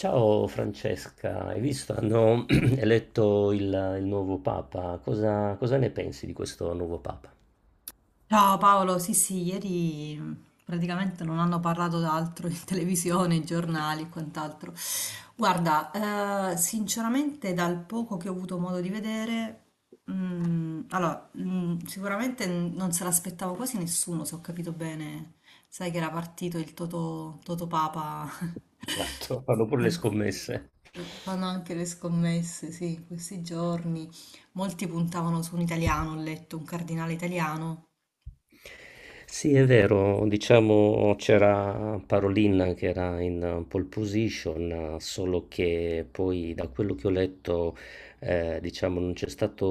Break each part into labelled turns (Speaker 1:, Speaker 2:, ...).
Speaker 1: Ciao Francesca, hai visto? Hanno eletto il nuovo Papa. Cosa ne pensi di questo nuovo Papa?
Speaker 2: Ciao Paolo, sì sì, ieri praticamente non hanno parlato d'altro in televisione, i giornali e quant'altro. Guarda, sinceramente dal poco che ho avuto modo di vedere, sicuramente non se l'aspettava quasi nessuno, se ho capito bene. Sai che era partito il Toto Papa,
Speaker 1: Esatto, fanno pure le
Speaker 2: in-
Speaker 1: scommesse.
Speaker 2: fanno anche le scommesse, sì, in questi giorni. Molti puntavano su un italiano, ho letto, un cardinale italiano.
Speaker 1: Sì, è vero, diciamo c'era Parolin che era in pole position, solo che poi da quello che ho letto, diciamo, non c'è stato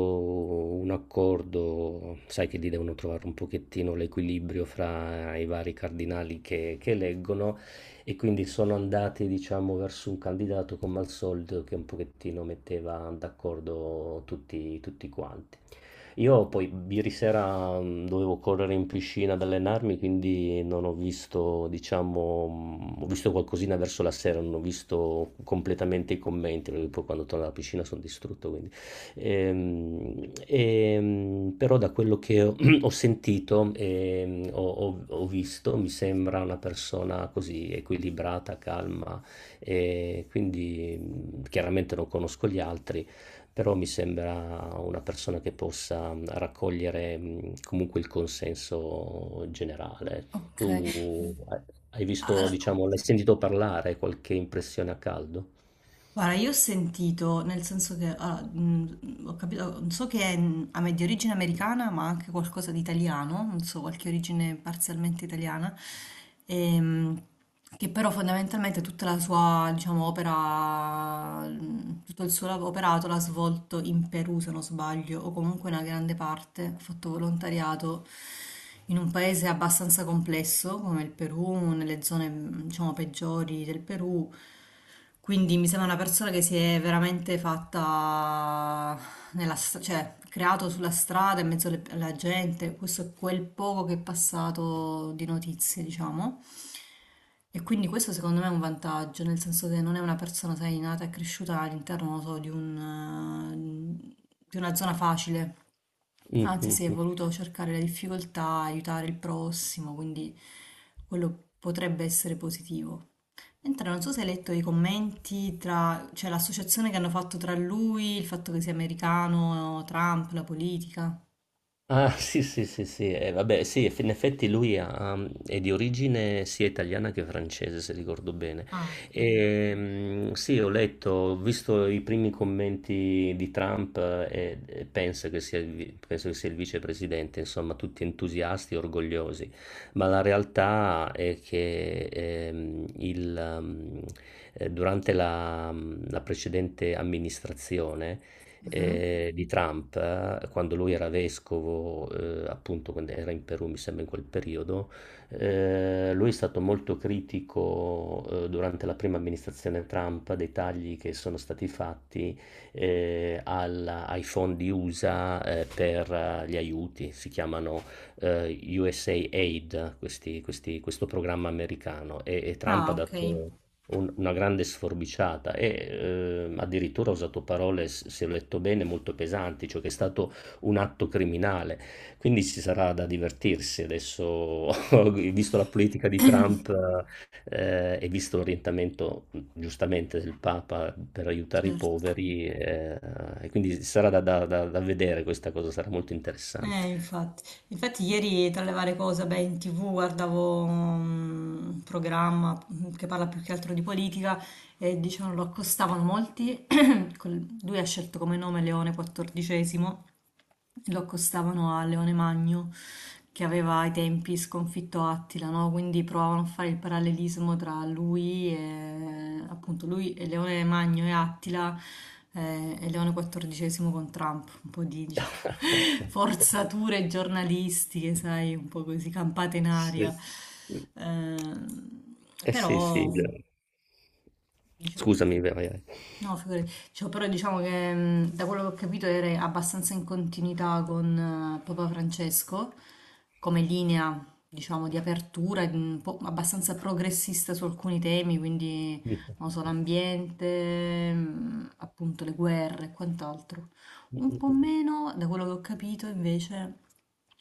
Speaker 1: un accordo, sai che lì devono trovare un pochettino l'equilibrio fra i vari cardinali che eleggono e quindi sono andati, diciamo, verso un candidato come al solito che un pochettino metteva d'accordo tutti quanti. Io poi ieri sera dovevo correre in piscina ad allenarmi, quindi non ho visto, diciamo, ho visto qualcosina verso la sera, non ho visto completamente i commenti, perché poi quando torno alla piscina sono distrutto, quindi. Però da quello che ho, ho sentito e ho visto, mi sembra una persona così equilibrata, calma, e quindi chiaramente non conosco gli altri però mi sembra una persona che possa raccogliere comunque il consenso generale.
Speaker 2: Ok.
Speaker 1: Tu hai visto,
Speaker 2: Allora,
Speaker 1: diciamo, l'hai sentito parlare, qualche impressione a caldo?
Speaker 2: guarda, io ho sentito, nel senso che allora, ho capito, so che è di origine americana, ma anche qualcosa di italiano, non so, qualche origine parzialmente italiana, ehm, che però fondamentalmente tutta la sua, diciamo, opera, tutto il suo operato l'ha svolto in Perù, se non sbaglio, o comunque una grande parte, ha fatto volontariato in un paese abbastanza complesso come il Perù, nelle zone, diciamo, peggiori del Perù. Quindi mi sembra una persona che si è veramente fatta cioè creato sulla strada in mezzo alla gente. Questo è quel poco che è passato di notizie, diciamo. E quindi questo secondo me è un vantaggio, nel senso che non è una persona, sai, nata e cresciuta all'interno, non so, di di una zona facile. Anzi, si è
Speaker 1: Mhm.
Speaker 2: voluto cercare le difficoltà, aiutare il prossimo, quindi quello potrebbe essere positivo. Entra, non so se hai letto i commenti tra, cioè l'associazione che hanno fatto tra lui, il fatto che sia americano, Trump, la politica.
Speaker 1: Ah, sì, sì, sì, sì, vabbè, sì, in effetti lui è di origine sia italiana che francese, se ricordo bene.
Speaker 2: Ah, ok.
Speaker 1: E, sì, ho letto, ho visto i primi commenti di Trump e penso che sia penso che sia il vicepresidente, insomma, tutti entusiasti e orgogliosi, ma la realtà è che durante la precedente amministrazione
Speaker 2: Mhm.
Speaker 1: di Trump, quando lui era vescovo, appunto quando era in Perù, mi sembra in quel periodo, lui è stato molto critico durante la prima amministrazione Trump dei tagli che sono stati fatti ai fondi USA per gli aiuti, si chiamano USA Aid, questo programma americano, e Trump ha
Speaker 2: Ah, ok,
Speaker 1: dato una grande sforbiciata addirittura ha usato parole, se ho letto bene, molto pesanti, cioè che è stato un atto criminale. Quindi ci sarà da divertirsi adesso, visto la politica di Trump e visto l'orientamento giustamente del Papa per aiutare i
Speaker 2: certo.
Speaker 1: poveri, e quindi sarà da vedere questa cosa, sarà molto interessante.
Speaker 2: Infatti. Infatti ieri tra le varie cose, beh, in TV guardavo un programma che parla più che altro di politica e dicevano lo accostavano molti. Lui ha scelto come nome Leone XIV, lo accostavano a Leone Magno che aveva ai tempi sconfitto Attila, no? Quindi provavano a fare il parallelismo tra lui e appunto lui e Leone Magno e Attila e Leone XIV con Trump, un po' di diciamo, forzature giornalistiche, sai, un po' così campate in aria.
Speaker 1: Sì.
Speaker 2: Eh,
Speaker 1: Eh sì, sì.
Speaker 2: però diciamo.
Speaker 1: Scusami, vai.
Speaker 2: No, figurati. Cioè, però diciamo che da quello che ho capito era abbastanza in continuità con Papa Francesco, come linea, diciamo, di apertura, di un po' abbastanza progressista su alcuni temi, quindi, non so,
Speaker 1: Vai.
Speaker 2: l'ambiente, appunto le guerre e quant'altro.
Speaker 1: Mh,
Speaker 2: Un
Speaker 1: mh,
Speaker 2: po'
Speaker 1: mh, mh.
Speaker 2: meno, da quello che ho capito, invece,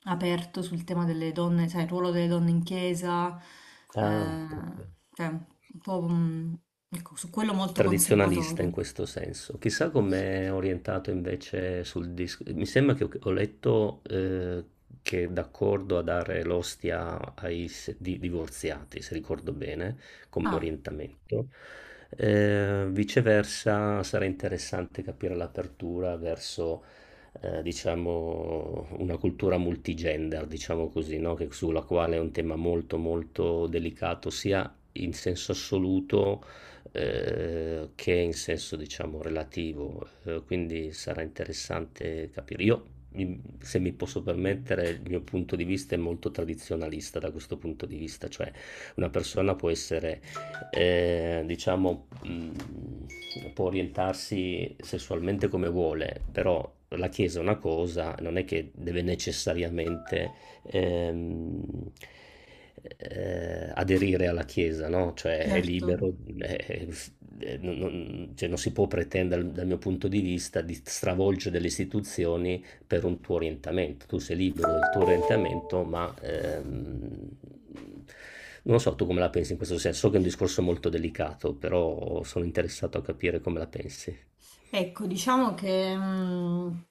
Speaker 2: aperto sul tema delle donne, sai, il ruolo delle donne in chiesa,
Speaker 1: Ah,
Speaker 2: eh,
Speaker 1: okay.
Speaker 2: cioè, un po', mhmm, ecco, su quello molto
Speaker 1: Tradizionalista in
Speaker 2: conservatore.
Speaker 1: questo senso. Chissà com'è orientato invece sul disco. Mi sembra che ho letto che è d'accordo a dare l'ostia ai divorziati, se ricordo bene, come
Speaker 2: Ah,
Speaker 1: orientamento. Viceversa, sarà interessante capire l'apertura verso. Diciamo una cultura multigender, diciamo così, no? Che, sulla quale è un tema molto molto delicato sia in senso assoluto, che in senso diciamo relativo, quindi sarà interessante capire. Io, se mi posso permettere, il mio punto di vista è molto tradizionalista da questo punto di vista, cioè una persona può essere, diciamo, può orientarsi sessualmente come vuole, però la Chiesa è una cosa, non è che deve necessariamente ehm, aderire alla Chiesa, no? Cioè è
Speaker 2: certo.
Speaker 1: libero, eh, f- cioè, non si può pretendere dal mio punto di vista di stravolgere delle istituzioni per un tuo orientamento. Tu sei libero del tuo orientamento, ma non so tu come la pensi in questo senso. So che è un discorso molto delicato, però sono interessato a capire come la pensi.
Speaker 2: Ecco, diciamo che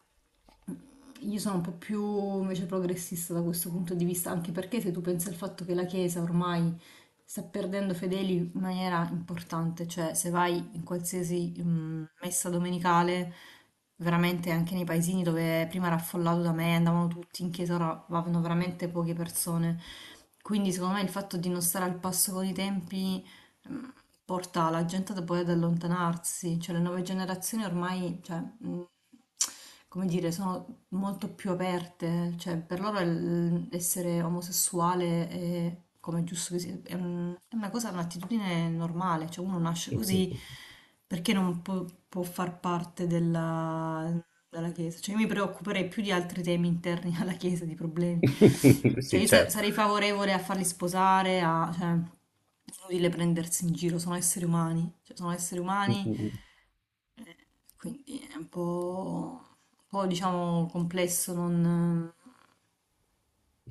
Speaker 2: io sono un po' più invece progressista da questo punto di vista, anche perché se tu pensi al fatto che la Chiesa ormai sta perdendo fedeli in maniera importante, cioè se vai in qualsiasi messa domenicale, veramente anche nei paesini dove prima era affollato da me, andavano tutti in chiesa, ora vanno veramente poche persone. Quindi secondo me il fatto di non stare al passo con i tempi mhmm, porta la gente da poi ad allontanarsi, cioè le nuove generazioni ormai, cioè, mhmm, come dire, sono molto più aperte, cioè per loro essere omosessuale è come è giusto che sia, è è una cosa, un'attitudine normale, cioè uno nasce così perché non può, può far parte della, della Chiesa, cioè io mi preoccuperei più di altri temi interni alla Chiesa, di problemi, cioè
Speaker 1: Sì,
Speaker 2: io
Speaker 1: certo.
Speaker 2: sarei favorevole a farli sposare, a, cioè, inutile prendersi in giro, sono esseri umani, cioè sono esseri umani quindi è un po', diciamo complesso non,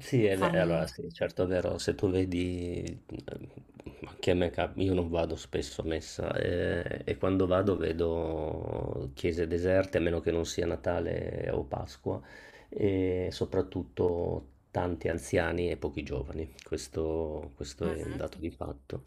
Speaker 1: Sì,
Speaker 2: non
Speaker 1: allora
Speaker 2: farli.
Speaker 1: sì, certo è vero, se tu vedi, anche a me io non vado spesso a messa e quando vado vedo chiese deserte, a meno che non sia Natale o Pasqua, e soprattutto tanti anziani e pochi giovani, questo
Speaker 2: Mm,
Speaker 1: è un dato di fatto.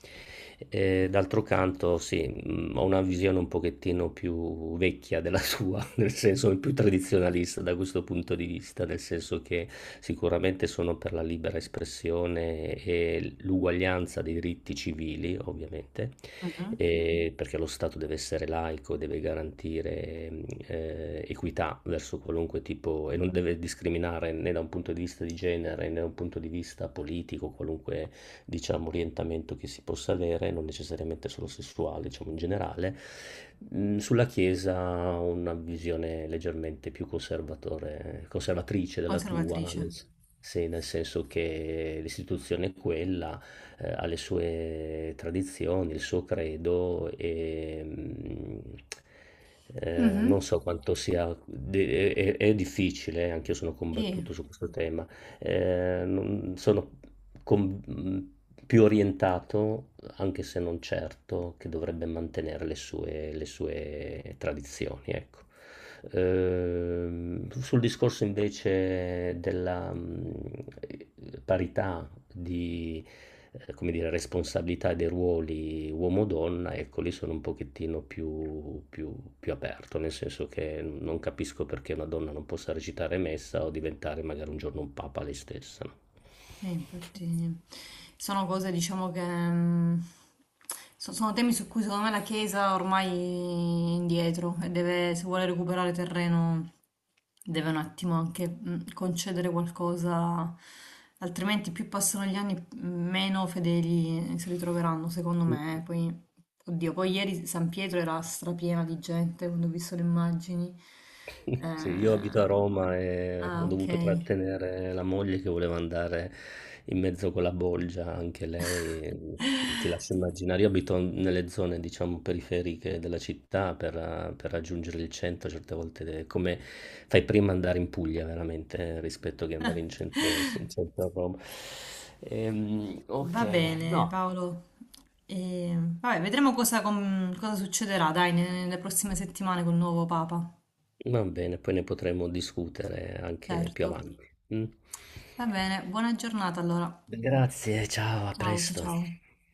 Speaker 1: D'altro canto, sì, ho una visione un pochettino più vecchia della sua, nel senso più tradizionalista da questo punto di vista, nel senso che sicuramente sono per la libera espressione e l'uguaglianza dei diritti civili, ovviamente,
Speaker 2: mhm.
Speaker 1: e perché lo Stato deve essere laico, deve garantire equità verso qualunque tipo e non deve discriminare né da un punto di vista di genere né da un punto di vista politico, qualunque diciamo, orientamento che si possa avere, non necessariamente solo sessuale, diciamo in generale. Sulla Chiesa una visione leggermente più conservatrice della tua,
Speaker 2: Conservatrice.
Speaker 1: sì, nel senso che l'istituzione è quella, ha le sue tradizioni, il suo credo e... non
Speaker 2: Mhm.
Speaker 1: so quanto sia, è difficile, anche io sono
Speaker 2: Sì.
Speaker 1: combattuto su questo tema, sono con- mh, più orientato, anche se non certo, che dovrebbe mantenere le sue tradizioni, ecco. Sul discorso invece della parità di, come dire, responsabilità dei ruoli uomo-donna, ecco, lì sono un pochettino più aperto, nel senso che non capisco perché una donna non possa recitare messa o diventare magari un giorno un papa lei stessa, no?
Speaker 2: Sì, infatti sono cose, diciamo che mm, sono temi su cui secondo me la Chiesa ormai è indietro e deve, se vuole recuperare terreno, deve un attimo anche concedere qualcosa, altrimenti più passano gli anni, meno fedeli si ritroveranno, secondo me. Poi, oddio, poi ieri San Pietro era strapiena di gente quando ho visto le immagini.
Speaker 1: Sì, io abito a
Speaker 2: Eh,
Speaker 1: Roma e ho
Speaker 2: ah,
Speaker 1: dovuto
Speaker 2: ok.
Speaker 1: trattenere la moglie che voleva andare in mezzo con la bolgia, anche lei. Ti lascio immaginare, io abito nelle zone, diciamo, periferiche della città per raggiungere il centro, certe volte è come fai prima ad andare in Puglia veramente rispetto che andare in centro a Roma. Ok,
Speaker 2: Va bene,
Speaker 1: no.
Speaker 2: Paolo. E, vabbè, vedremo cosa, cosa succederà, dai, nelle prossime settimane col nuovo Papa.
Speaker 1: Va bene, poi ne potremo discutere anche più
Speaker 2: Certo.
Speaker 1: avanti. Mm?
Speaker 2: Va bene, buona giornata allora.
Speaker 1: Grazie, ciao, a
Speaker 2: Ciao, ciao,
Speaker 1: presto.
Speaker 2: ciao.